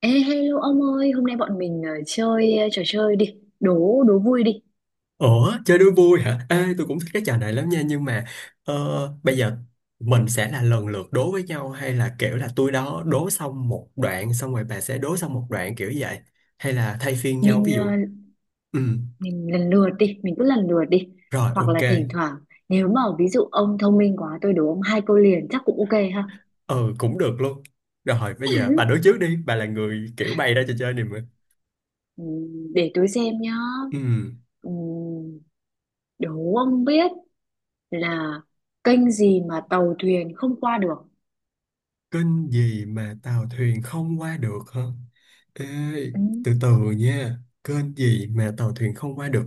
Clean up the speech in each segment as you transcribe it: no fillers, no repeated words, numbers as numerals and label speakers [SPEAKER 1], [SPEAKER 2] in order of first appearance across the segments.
[SPEAKER 1] Ê, hello ông ơi, hôm nay bọn mình chơi trò chơi đi, đố đố vui đi.
[SPEAKER 2] Ủa, chơi đố vui hả? Ê, tôi cũng thích cái trò này lắm nha, nhưng mà ờ, bây giờ mình sẽ là lần lượt đố với nhau hay là kiểu là tôi đố xong một đoạn xong rồi bà sẽ đố xong một đoạn kiểu vậy hay là thay phiên nhau
[SPEAKER 1] Mình
[SPEAKER 2] ví
[SPEAKER 1] ờ,
[SPEAKER 2] dụ. Ừ,
[SPEAKER 1] mình lần lượt đi, mình cứ lần lượt đi.
[SPEAKER 2] rồi
[SPEAKER 1] Hoặc
[SPEAKER 2] ok.
[SPEAKER 1] là thỉnh thoảng nếu mà ví dụ ông thông minh quá tôi đố ông hai câu liền chắc cũng ok ha.
[SPEAKER 2] Ừ, cũng được luôn. Rồi bây giờ bà đố trước đi, bà là người kiểu bày ra trò chơi này mà.
[SPEAKER 1] Để tôi xem nhá.
[SPEAKER 2] Ừ.
[SPEAKER 1] Ừm, đố ông biết là kênh gì mà tàu thuyền không qua được.
[SPEAKER 2] Kênh gì mà tàu thuyền không qua được hả? Ê,
[SPEAKER 1] Ừm,
[SPEAKER 2] từ từ nha. Kênh gì mà tàu thuyền không qua được?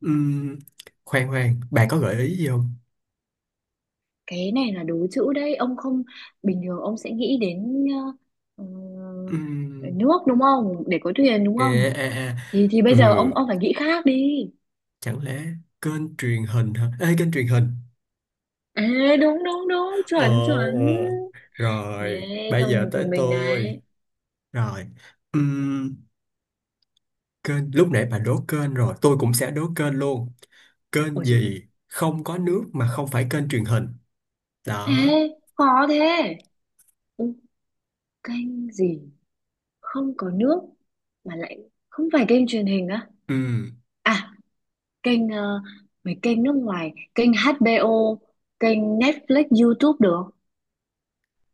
[SPEAKER 2] Ừm, khoan khoan, bà có gợi ý gì không?
[SPEAKER 1] cái này là đố chữ đấy, ông không bình thường ông sẽ nghĩ đến ờ, ờ,
[SPEAKER 2] Ừm,
[SPEAKER 1] nước đúng không? Để có thuyền đúng
[SPEAKER 2] à,
[SPEAKER 1] không?
[SPEAKER 2] à, à,
[SPEAKER 1] Thì bây giờ ông
[SPEAKER 2] ừ,
[SPEAKER 1] ông phải nghĩ khác đi.
[SPEAKER 2] chẳng lẽ kênh truyền hình hả? Ê, kênh truyền hình.
[SPEAKER 1] Ê, đúng đúng đúng,
[SPEAKER 2] Ờ,
[SPEAKER 1] chuẩn chuẩn.
[SPEAKER 2] ờ. Rồi,
[SPEAKER 1] Ê,
[SPEAKER 2] bây
[SPEAKER 1] thông
[SPEAKER 2] giờ tới
[SPEAKER 1] thông minh
[SPEAKER 2] tôi.
[SPEAKER 1] đấy.
[SPEAKER 2] Rồi, ừm, kênh, lúc nãy bà đố kênh rồi, tôi cũng sẽ đố kênh luôn. Kênh
[SPEAKER 1] Ôi rồi.
[SPEAKER 2] gì không có nước mà không phải kênh truyền hình?
[SPEAKER 1] Ê,
[SPEAKER 2] Đó.
[SPEAKER 1] khó thế. Ừ, kênh gì không có nước mà lại không phải kênh truyền hình á?
[SPEAKER 2] Ừ,
[SPEAKER 1] À, kênh mấy kênh nước ngoài, kênh HBO, kênh Netflix, YouTube được.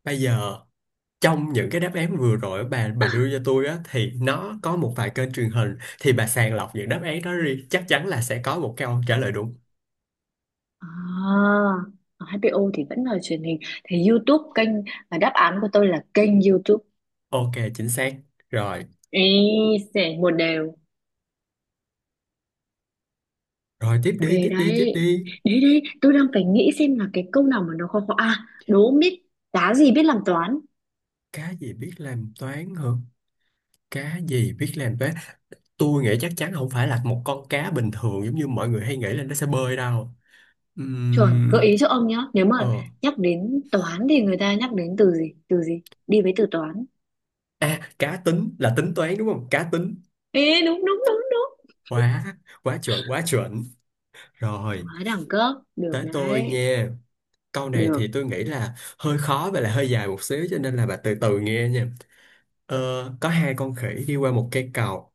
[SPEAKER 2] bây giờ trong những cái đáp án vừa rồi bà đưa cho tôi á thì nó có một vài kênh truyền hình thì bà sàng lọc những đáp án đó đi chắc chắn là sẽ có một câu trả lời đúng.
[SPEAKER 1] À, HBO thì vẫn là truyền hình, thì YouTube kênh, và đáp án của tôi là kênh YouTube.
[SPEAKER 2] Ok, chính xác. Rồi,
[SPEAKER 1] Ý, sẽ một đều.
[SPEAKER 2] rồi, tiếp
[SPEAKER 1] Ok
[SPEAKER 2] đi, tiếp đi, tiếp
[SPEAKER 1] đấy.
[SPEAKER 2] đi.
[SPEAKER 1] Đấy đấy, tôi đang phải nghĩ xem là cái câu nào mà nó khó khó. À, đố biết đá gì biết làm toán.
[SPEAKER 2] Cá gì biết làm toán hả? Cá gì biết làm toán? Tôi nghĩ chắc chắn không phải là một con cá bình thường giống như mọi người hay nghĩ là nó sẽ bơi đâu.
[SPEAKER 1] Chuẩn, gợi
[SPEAKER 2] Ừm,
[SPEAKER 1] ý cho ông nhá. Nếu
[SPEAKER 2] ờ.
[SPEAKER 1] mà nhắc đến toán thì người ta nhắc đến từ gì? Từ gì? Đi với từ toán.
[SPEAKER 2] À, cá tính là tính toán đúng không? Cá tính.
[SPEAKER 1] Ê, đúng đúng đúng đúng.
[SPEAKER 2] Quá, quá chuẩn, quá chuẩn.
[SPEAKER 1] Quá
[SPEAKER 2] Rồi.
[SPEAKER 1] đẳng cấp. Được
[SPEAKER 2] Tới tôi
[SPEAKER 1] đấy.
[SPEAKER 2] nha. Câu này thì
[SPEAKER 1] Được.
[SPEAKER 2] tôi nghĩ là hơi khó và là hơi dài một xíu cho nên là bà từ từ nghe nha. Ờ, có hai con khỉ đi qua một cây cầu.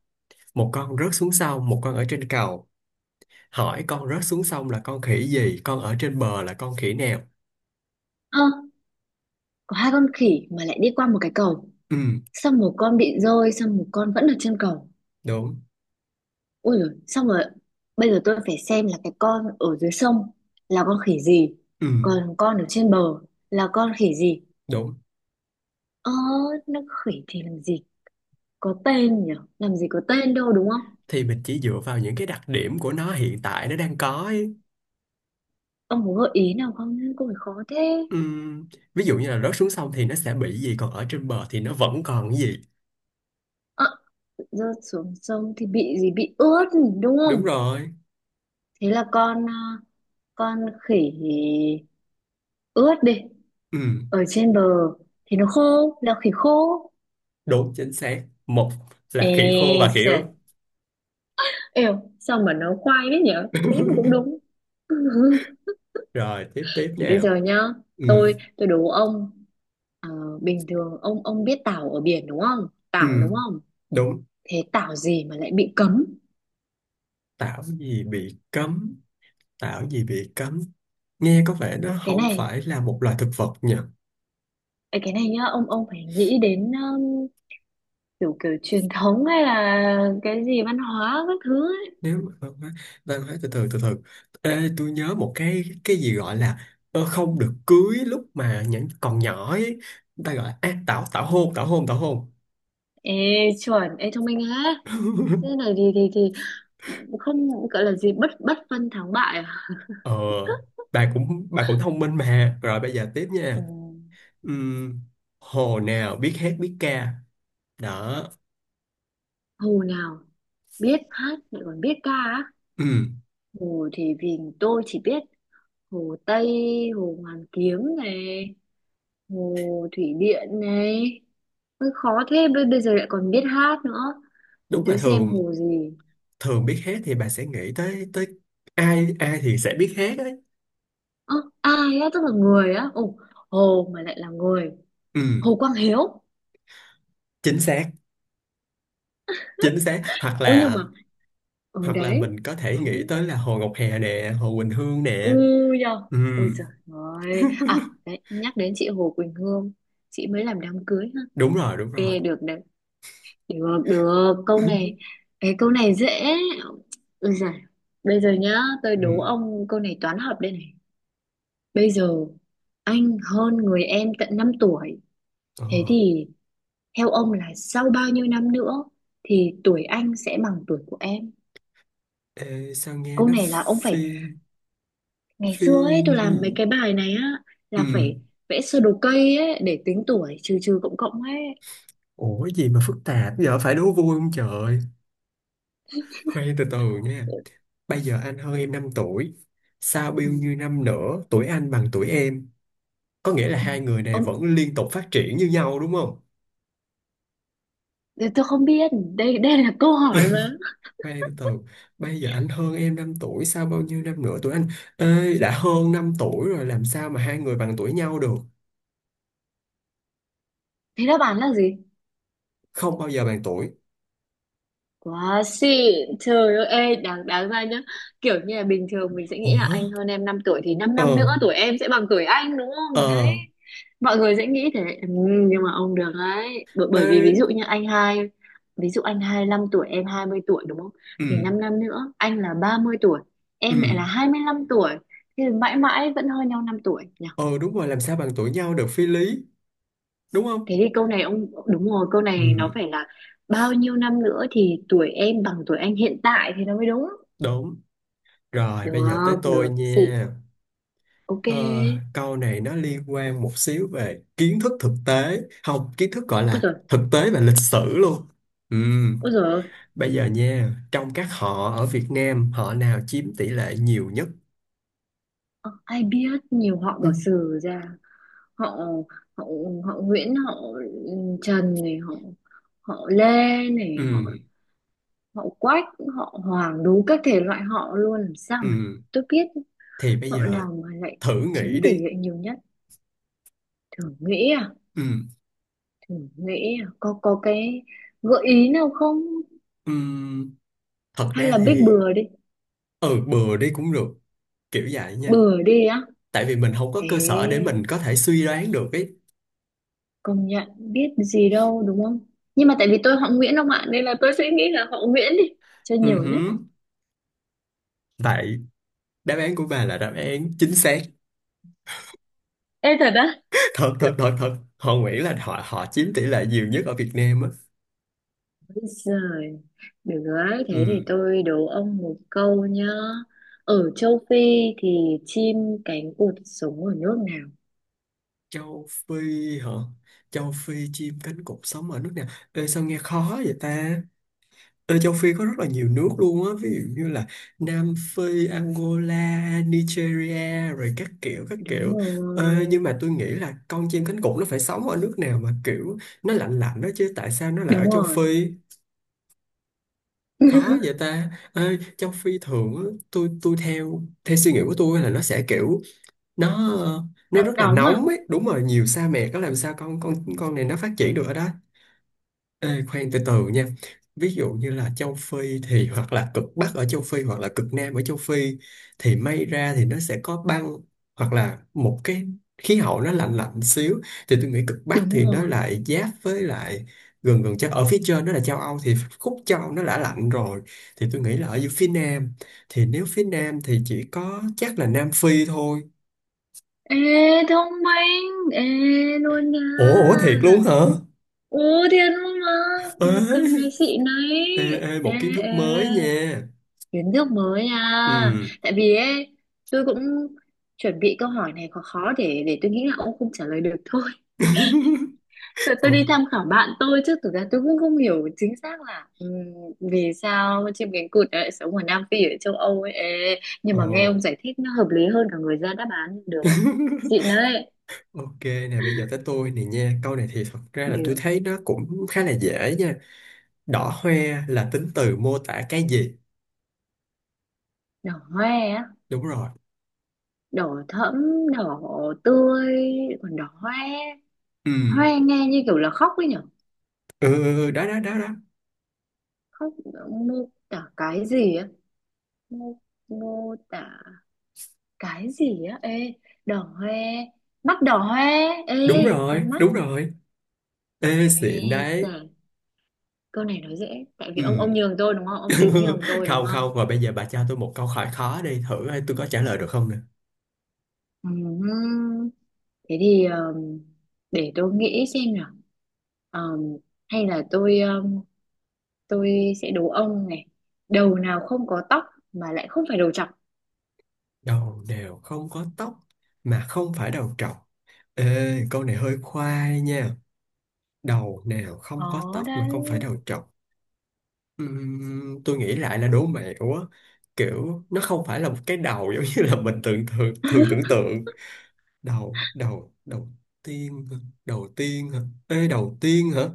[SPEAKER 2] Một con rớt xuống sông, một con ở trên cầu. Hỏi con rớt xuống sông là con khỉ gì, con ở trên bờ là con khỉ nào?
[SPEAKER 1] Ơ, có hai con khỉ mà lại đi qua một cái cầu.
[SPEAKER 2] Ừ,
[SPEAKER 1] Xong một con bị rơi, xong một con vẫn ở trên cầu.
[SPEAKER 2] đúng.
[SPEAKER 1] Ui dồi, xong rồi bây giờ tôi phải xem là cái con ở dưới sông là con khỉ gì,
[SPEAKER 2] Ừ,
[SPEAKER 1] còn con ở trên bờ là con khỉ gì.
[SPEAKER 2] đúng.
[SPEAKER 1] Ơ, nó khỉ thì làm gì có tên nhỉ, làm gì có tên đâu đúng không?
[SPEAKER 2] Thì mình chỉ dựa vào những cái đặc điểm của nó hiện tại nó đang có ấy.
[SPEAKER 1] Ông có gợi ý nào không, có phải khó thế.
[SPEAKER 2] Ừ, ví dụ như là rớt xuống sông thì nó sẽ bị gì, còn ở trên bờ thì nó vẫn còn cái gì.
[SPEAKER 1] Ờ, rớt xuống sông thì bị gì, bị ướt đúng
[SPEAKER 2] Đúng
[SPEAKER 1] không?
[SPEAKER 2] rồi.
[SPEAKER 1] Thế là con con khỉ ướt đi,
[SPEAKER 2] Ừ.
[SPEAKER 1] ở trên bờ thì nó khô là khỉ khô.
[SPEAKER 2] Đúng chính xác. Một là
[SPEAKER 1] Ê
[SPEAKER 2] khỉ khô và khỉ
[SPEAKER 1] sợ.
[SPEAKER 2] ướt.
[SPEAKER 1] Eo, sao mà nó khoai thế nhở? Thế mà cũng đúng.
[SPEAKER 2] Rồi tiếp tiếp
[SPEAKER 1] Thì bây
[SPEAKER 2] nào.
[SPEAKER 1] giờ nhá,
[SPEAKER 2] Ừ.
[SPEAKER 1] tôi đố ông, ờ, bình thường ông biết tảo ở biển đúng không?
[SPEAKER 2] Ừ.
[SPEAKER 1] Tảo đúng không?
[SPEAKER 2] Đúng.
[SPEAKER 1] Thế tảo gì mà lại bị cấm?
[SPEAKER 2] Tảo gì bị cấm? Tảo gì bị cấm? Nghe có vẻ nó
[SPEAKER 1] Cái
[SPEAKER 2] không
[SPEAKER 1] này,
[SPEAKER 2] phải là một loài thực vật nhỉ?
[SPEAKER 1] ấy, cái này nhá, ông phải nghĩ đến kiểu kiểu truyền thống hay là cái gì văn hóa các thứ ấy.
[SPEAKER 2] Nếu mà văn hóa từ từ từ từ. Ê, tôi nhớ một cái gì gọi là không được cưới lúc mà những còn nhỏ ấy. Người ta gọi là à, tảo tảo hôn tảo hôn tảo hôn.
[SPEAKER 1] Ê chuẩn, ê thông minh á. Thế này thì không gọi là gì bất bất phân thắng bại à?
[SPEAKER 2] Ờ, bà cũng thông minh mà. Rồi bây giờ tiếp
[SPEAKER 1] Ừ,
[SPEAKER 2] nha. Ừm, hồ nào biết hát biết ca đó.
[SPEAKER 1] hồ nào biết hát lại còn biết ca á?
[SPEAKER 2] Ừm,
[SPEAKER 1] Hồ thì vì tôi chỉ biết Hồ Tây, Hồ Hoàn Kiếm này, Hồ Thủy Điện này. Hơi khó thế, bây bây giờ lại còn biết hát nữa. Để
[SPEAKER 2] đúng là
[SPEAKER 1] tôi xem
[SPEAKER 2] thường
[SPEAKER 1] hồ gì.
[SPEAKER 2] thường biết hát thì bà sẽ nghĩ tới tới ai ai thì sẽ biết hát đấy.
[SPEAKER 1] Ơ, ai á, tức là người á. Ồ, hồ mà lại là người.
[SPEAKER 2] Ừm,
[SPEAKER 1] Hồ Quang Hiếu.
[SPEAKER 2] chính xác chính xác, hoặc
[SPEAKER 1] Ôi nhưng
[SPEAKER 2] là
[SPEAKER 1] mà, ừ
[SPEAKER 2] hoặc là
[SPEAKER 1] đấy.
[SPEAKER 2] mình có thể nghĩ
[SPEAKER 1] Đấy.
[SPEAKER 2] tới là Hồ Ngọc Hà nè, Hồ Quỳnh Hương nè.
[SPEAKER 1] Ui da. Ôi
[SPEAKER 2] Ừm,
[SPEAKER 1] giời ơi. À, đấy, nhắc đến chị Hồ Quỳnh Hương. Chị mới làm đám cưới ha.
[SPEAKER 2] đúng rồi
[SPEAKER 1] Ghê được đấy. Được, được, câu này, cái câu này dễ. Ôi giời, bây giờ nhá, tôi đố
[SPEAKER 2] Ừm,
[SPEAKER 1] ông câu này toán học đây này. Bây giờ anh hơn người em tận 5 tuổi,
[SPEAKER 2] ờ.
[SPEAKER 1] thế thì theo ông là sau bao nhiêu năm nữa thì tuổi anh sẽ bằng tuổi của em?
[SPEAKER 2] Ê, sao nghe
[SPEAKER 1] Câu
[SPEAKER 2] nó
[SPEAKER 1] này là ông phải,
[SPEAKER 2] phi
[SPEAKER 1] ngày
[SPEAKER 2] phi
[SPEAKER 1] xưa ấy tôi
[SPEAKER 2] lý
[SPEAKER 1] làm mấy cái bài này á, là
[SPEAKER 2] Ừm,
[SPEAKER 1] phải vẽ sơ đồ cây ấy để tính tuổi, trừ trừ cộng cộng ấy.
[SPEAKER 2] ủa gì mà phức tạp giờ phải đố vui không trời. Khoan từ từ nha. Bây giờ anh hơn em 5 tuổi, sao bao
[SPEAKER 1] Ừ.
[SPEAKER 2] nhiêu năm nữa tuổi anh bằng tuổi em? Có nghĩa là
[SPEAKER 1] Ừ.
[SPEAKER 2] hai người này
[SPEAKER 1] Ông,
[SPEAKER 2] vẫn liên tục phát triển như nhau đúng không?
[SPEAKER 1] tôi không biết, đây đây là câu hỏi mà.
[SPEAKER 2] Khoan đi, từ từ, bây giờ anh hơn em 5 tuổi, sao bao nhiêu năm nữa tuổi anh? Ê, đã hơn 5 tuổi rồi làm sao mà hai người bằng tuổi nhau được?
[SPEAKER 1] Thế đáp án là gì?
[SPEAKER 2] Không bao giờ bằng tuổi.
[SPEAKER 1] Quá xịn, trời ơi, ê, đáng, đáng ra nhá. Kiểu như là bình thường mình sẽ nghĩ là
[SPEAKER 2] Ủa?
[SPEAKER 1] anh hơn em 5 tuổi. Thì 5 năm năm
[SPEAKER 2] Ờ,
[SPEAKER 1] nữa tuổi em sẽ bằng tuổi anh đúng không? Đấy,
[SPEAKER 2] ờ,
[SPEAKER 1] mọi người sẽ nghĩ thế, ừ. Nhưng mà ông được đấy, bởi vì ví dụ
[SPEAKER 2] ê,
[SPEAKER 1] như anh hai. Ví dụ anh 25 tuổi, em 20 tuổi đúng không?
[SPEAKER 2] ừ,
[SPEAKER 1] Thì 5 năm năm nữa, anh là 30 tuổi,
[SPEAKER 2] ừ,
[SPEAKER 1] em lại là 25 tuổi. Thì mãi mãi vẫn hơn nhau 5 tuổi nhỉ?
[SPEAKER 2] ờ đúng rồi làm sao bằng tuổi nhau được phi lý, đúng
[SPEAKER 1] Thế
[SPEAKER 2] không?
[SPEAKER 1] thì câu này ông, đúng rồi, câu này nó
[SPEAKER 2] Ừ,
[SPEAKER 1] phải là bao nhiêu năm nữa thì tuổi em bằng tuổi anh hiện tại thì nó mới đúng.
[SPEAKER 2] đúng. Rồi, bây giờ tới
[SPEAKER 1] Được,
[SPEAKER 2] tôi
[SPEAKER 1] được, xịn,
[SPEAKER 2] nha.
[SPEAKER 1] ok.
[SPEAKER 2] Ờ, câu này nó liên quan một xíu về kiến thức thực tế không, kiến thức gọi
[SPEAKER 1] Ôi
[SPEAKER 2] là
[SPEAKER 1] giời,
[SPEAKER 2] thực tế và lịch sử luôn. Ừm,
[SPEAKER 1] ôi giời ơi.
[SPEAKER 2] bây giờ nha, trong các họ ở Việt Nam họ nào chiếm tỷ lệ nhiều nhất?
[SPEAKER 1] Ờ, ai biết nhiều họ bỏ
[SPEAKER 2] Ừm,
[SPEAKER 1] sử ra. Họ, họ, họ Nguyễn, họ Trần này, họ Lê này,
[SPEAKER 2] ừm,
[SPEAKER 1] họ Quách, họ Hoàng, đủ các thể loại họ luôn. Làm sao mà
[SPEAKER 2] ừm.
[SPEAKER 1] tôi biết
[SPEAKER 2] Thì bây
[SPEAKER 1] họ
[SPEAKER 2] giờ
[SPEAKER 1] nào mà lại
[SPEAKER 2] thử
[SPEAKER 1] chiếm
[SPEAKER 2] nghĩ
[SPEAKER 1] tỷ
[SPEAKER 2] đi.
[SPEAKER 1] lệ nhiều nhất. Thử nghĩ à,
[SPEAKER 2] Ừm,
[SPEAKER 1] thử nghĩ à, có cái gợi ý nào không?
[SPEAKER 2] ừm. Thật
[SPEAKER 1] Hay
[SPEAKER 2] ra
[SPEAKER 1] là biết
[SPEAKER 2] thì ừ bừa đi cũng được kiểu vậy nha,
[SPEAKER 1] bừa đi á.
[SPEAKER 2] tại vì mình không có
[SPEAKER 1] Thế
[SPEAKER 2] cơ sở để mình có thể suy đoán được ấy.
[SPEAKER 1] công nhận biết gì đâu đúng không, nhưng mà tại vì tôi họ Nguyễn ông ạ nên là tôi sẽ nghĩ là họ Nguyễn đi, cho
[SPEAKER 2] Ừ
[SPEAKER 1] nhiều nhất.
[SPEAKER 2] hứ. Vậy đáp án của bà là đáp án chính xác,
[SPEAKER 1] Ê thật á?
[SPEAKER 2] thật thật thật thật họ nghĩ là họ họ chiếm tỷ lệ nhiều nhất ở Việt Nam á.
[SPEAKER 1] Bây giờ được rồi thế thì
[SPEAKER 2] Ừ.
[SPEAKER 1] tôi đố ông một câu nhá. Ở châu Phi thì chim cánh cụt sống ở nước nào?
[SPEAKER 2] Châu Phi hả? Châu Phi chim cánh cụt sống ở nước nào? Ê, sao nghe khó vậy ta. Ê, Châu Phi có rất là nhiều nước luôn á, ví dụ như là Nam Phi, Angola, Nigeria rồi các kiểu các
[SPEAKER 1] Đúng
[SPEAKER 2] kiểu. Ê, nhưng
[SPEAKER 1] rồi,
[SPEAKER 2] mà tôi nghĩ là con chim cánh cụt nó phải sống ở nước nào mà kiểu nó lạnh lạnh đó chứ, tại sao nó lại ở
[SPEAKER 1] đúng
[SPEAKER 2] Châu
[SPEAKER 1] rồi.
[SPEAKER 2] Phi, khó vậy ta. Ê, Châu Phi thường á, tôi theo theo suy nghĩ của tôi là nó sẽ kiểu nó nó
[SPEAKER 1] Nắng
[SPEAKER 2] rất là
[SPEAKER 1] nóng à?
[SPEAKER 2] nóng ấy, đúng rồi nhiều sa mạc, có làm sao con này nó phát triển được ở đó. Ê, khoan từ từ nha. Ví dụ như là châu Phi thì hoặc là cực Bắc ở châu Phi hoặc là cực Nam ở châu Phi, thì may ra thì nó sẽ có băng hoặc là một cái khí hậu nó lạnh lạnh xíu, thì tôi nghĩ cực Bắc
[SPEAKER 1] Đúng
[SPEAKER 2] thì nó
[SPEAKER 1] rồi.
[SPEAKER 2] lại giáp với lại gần gần chắc ở phía trên nó là châu Âu, thì khúc châu Âu nó đã lạnh rồi, thì tôi nghĩ là ở dưới phía Nam, thì nếu phía Nam thì chỉ có chắc là Nam Phi thôi.
[SPEAKER 1] Ê thông minh, ê luôn nha.
[SPEAKER 2] Ủa, thiệt luôn hả?
[SPEAKER 1] Ồ, thiệt luôn mà. Ok,
[SPEAKER 2] Ê,
[SPEAKER 1] xịn đấy.
[SPEAKER 2] ê,
[SPEAKER 1] Ê,
[SPEAKER 2] một kiến
[SPEAKER 1] ê,
[SPEAKER 2] thức mới nha.
[SPEAKER 1] kiến thức mới à.
[SPEAKER 2] Ừ.
[SPEAKER 1] Tại vì ấy, tôi cũng chuẩn bị câu hỏi này khó khó để tôi nghĩ là ông không trả lời được thôi. Tôi
[SPEAKER 2] Ồ,
[SPEAKER 1] đi tham khảo bạn tôi chứ thực ra tôi cũng không hiểu chính xác là vì sao chim cánh cụt lại sống ở Nam Phi ở châu Âu ấy. Ê, nhưng
[SPEAKER 2] ồ.
[SPEAKER 1] mà nghe ông giải thích nó hợp lý hơn cả người ra đáp án được ấy. Xịn đấy.
[SPEAKER 2] Ok nè, bây giờ tới tôi nè nha. Câu này thì thật ra là tôi
[SPEAKER 1] Điều
[SPEAKER 2] thấy nó cũng khá là dễ nha. Đỏ hoe là tính từ mô tả cái gì?
[SPEAKER 1] đỏ hoe á,
[SPEAKER 2] Đúng rồi.
[SPEAKER 1] đỏ thẫm, đỏ tươi, còn đỏ hoe.
[SPEAKER 2] Ừ.
[SPEAKER 1] Hoe nghe như kiểu là khóc ấy nhở?
[SPEAKER 2] Ừ, ừ, ừ, đó, đó, đó, đó.
[SPEAKER 1] Khóc mô tả cái gì á? mô, Mô tả cái gì á, ê, đỏ hoe, mắt đỏ hoe, ê,
[SPEAKER 2] Đúng rồi,
[SPEAKER 1] con mắt.
[SPEAKER 2] đúng rồi.
[SPEAKER 1] Ê
[SPEAKER 2] Ê, xịn đấy.
[SPEAKER 1] giời, câu này nói dễ tại vì ông
[SPEAKER 2] Ừ.
[SPEAKER 1] ông nhường tôi đúng không, ông tính nhường tôi đúng
[SPEAKER 2] Không,
[SPEAKER 1] không?
[SPEAKER 2] không, và bây giờ bà cho tôi một câu hỏi khó đi thử coi tôi có trả lời được không nè.
[SPEAKER 1] Ừm, thế thì để tôi nghĩ xem nào. Ờm, Hay là tôi sẽ đố ông này, đầu nào không có tóc mà lại không phải đầu trọc.
[SPEAKER 2] Đầu đều không có tóc mà không phải đầu trọc, ê câu này hơi khoai nha, đầu nào không có
[SPEAKER 1] Đó
[SPEAKER 2] tóc mà không
[SPEAKER 1] đấy.
[SPEAKER 2] phải đầu trọc? Tôi nghĩ lại là đố mẹo á, kiểu nó không phải là một cái đầu giống như là mình tưởng, thường thường tưởng tượng. Đầu đầu đầu tiên hả? Đầu tiên hả, ê đầu tiên hả,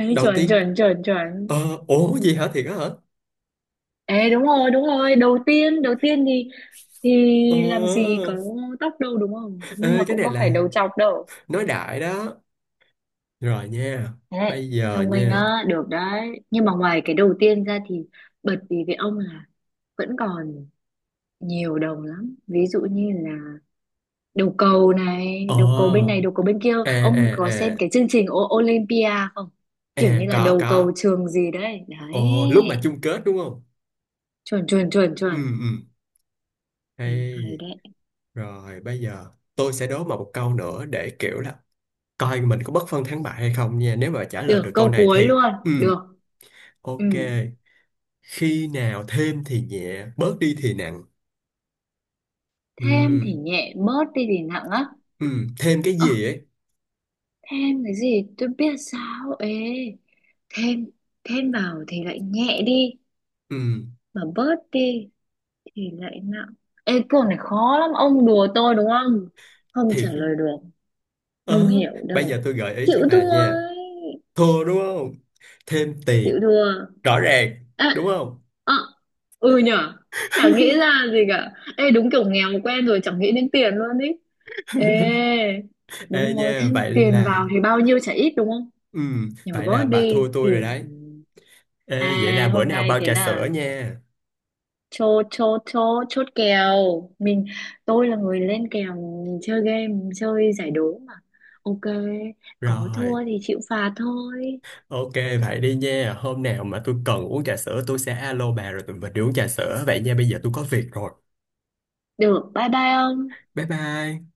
[SPEAKER 1] Ê,
[SPEAKER 2] đầu
[SPEAKER 1] chuẩn
[SPEAKER 2] tiên.
[SPEAKER 1] chuẩn chuẩn chuẩn.
[SPEAKER 2] Ủa gì hả, thiệt á hả?
[SPEAKER 1] Ê đúng rồi, đầu tiên thì
[SPEAKER 2] ờ
[SPEAKER 1] làm gì có tóc đâu đúng không? Nhưng
[SPEAKER 2] Ê,
[SPEAKER 1] mà
[SPEAKER 2] cái
[SPEAKER 1] cũng
[SPEAKER 2] này
[SPEAKER 1] có
[SPEAKER 2] là
[SPEAKER 1] phải đầu trọc đâu.
[SPEAKER 2] nói đại đó. Rồi nha,
[SPEAKER 1] Thế,
[SPEAKER 2] bây giờ
[SPEAKER 1] thông minh
[SPEAKER 2] nha,
[SPEAKER 1] á, được đấy. Nhưng mà ngoài cái đầu tiên ra thì bật vì với ông là vẫn còn nhiều đồng lắm. Ví dụ như là đầu cầu này, đầu cầu bên
[SPEAKER 2] ờ
[SPEAKER 1] này, đầu cầu bên kia.
[SPEAKER 2] à
[SPEAKER 1] Ông có
[SPEAKER 2] à
[SPEAKER 1] xem
[SPEAKER 2] à
[SPEAKER 1] cái chương trình O- Olympia không?
[SPEAKER 2] à,
[SPEAKER 1] Kiểu như là
[SPEAKER 2] có
[SPEAKER 1] đầu
[SPEAKER 2] có
[SPEAKER 1] cầu trường gì đấy. Đấy,
[SPEAKER 2] ồ lúc mà chung kết đúng không?
[SPEAKER 1] chuẩn chuẩn chuẩn
[SPEAKER 2] Ừ,
[SPEAKER 1] chuẩn.
[SPEAKER 2] ừ,
[SPEAKER 1] Ừ,
[SPEAKER 2] hay.
[SPEAKER 1] hay đấy.
[SPEAKER 2] Rồi bây giờ tôi sẽ đố mà một câu nữa để kiểu là coi mình có bất phân thắng bại hay không nha, nếu mà trả lời
[SPEAKER 1] Được,
[SPEAKER 2] được câu
[SPEAKER 1] câu
[SPEAKER 2] này
[SPEAKER 1] cuối
[SPEAKER 2] thì
[SPEAKER 1] luôn.
[SPEAKER 2] ừ
[SPEAKER 1] Được. Ừ.
[SPEAKER 2] ok. Khi nào thêm thì nhẹ bớt đi thì nặng? Ừ,
[SPEAKER 1] Thêm thì nhẹ, bớt đi thì nặng á.
[SPEAKER 2] ừ, thêm cái
[SPEAKER 1] Ờ,
[SPEAKER 2] gì ấy,
[SPEAKER 1] thêm cái gì tôi biết sao ấy. Thêm, Thêm vào thì lại nhẹ đi.
[SPEAKER 2] ừ
[SPEAKER 1] Mà bớt đi thì lại nặng. Ê, câu này khó lắm. Ông đùa tôi đúng không? Không trả
[SPEAKER 2] thì
[SPEAKER 1] lời được. Không
[SPEAKER 2] ờ
[SPEAKER 1] hiểu
[SPEAKER 2] bây
[SPEAKER 1] đâu.
[SPEAKER 2] giờ tôi gợi ý
[SPEAKER 1] Chịu
[SPEAKER 2] cho
[SPEAKER 1] thua
[SPEAKER 2] bà nha,
[SPEAKER 1] ấy.
[SPEAKER 2] thua đúng không, thêm
[SPEAKER 1] Chịu
[SPEAKER 2] tiền
[SPEAKER 1] thua.
[SPEAKER 2] rõ ràng
[SPEAKER 1] À,
[SPEAKER 2] đúng không?
[SPEAKER 1] à, ừ nhở. Chả nghĩ ra gì cả. Ê, đúng kiểu nghèo quen rồi. Chẳng nghĩ đến tiền luôn ý. Ê,
[SPEAKER 2] Ê
[SPEAKER 1] đúng rồi.
[SPEAKER 2] nha,
[SPEAKER 1] Thêm
[SPEAKER 2] vậy
[SPEAKER 1] tiền
[SPEAKER 2] là
[SPEAKER 1] vào thì bao nhiêu chả ít đúng không?
[SPEAKER 2] ừm,
[SPEAKER 1] Nhưng mà
[SPEAKER 2] vậy là bà
[SPEAKER 1] birthday
[SPEAKER 2] thua
[SPEAKER 1] thì
[SPEAKER 2] tôi rồi
[SPEAKER 1] ừ.
[SPEAKER 2] đấy. Ê, vậy là
[SPEAKER 1] À,
[SPEAKER 2] bữa
[SPEAKER 1] hôm
[SPEAKER 2] nào
[SPEAKER 1] nay
[SPEAKER 2] bao
[SPEAKER 1] thế
[SPEAKER 2] trà sữa
[SPEAKER 1] là
[SPEAKER 2] nha.
[SPEAKER 1] chốt chốt chốt chốt kèo mình, tôi là người lên kèo chơi game chơi giải đố mà, ok, có
[SPEAKER 2] Rồi,
[SPEAKER 1] thua thì chịu phạt thôi.
[SPEAKER 2] ok vậy đi nha. Hôm nào mà tôi cần uống trà sữa tôi sẽ alo bà rồi tụi mình đi uống trà sữa. Vậy nha, bây giờ tôi có việc rồi.
[SPEAKER 1] Được, bye bye ông.
[SPEAKER 2] Bye bye.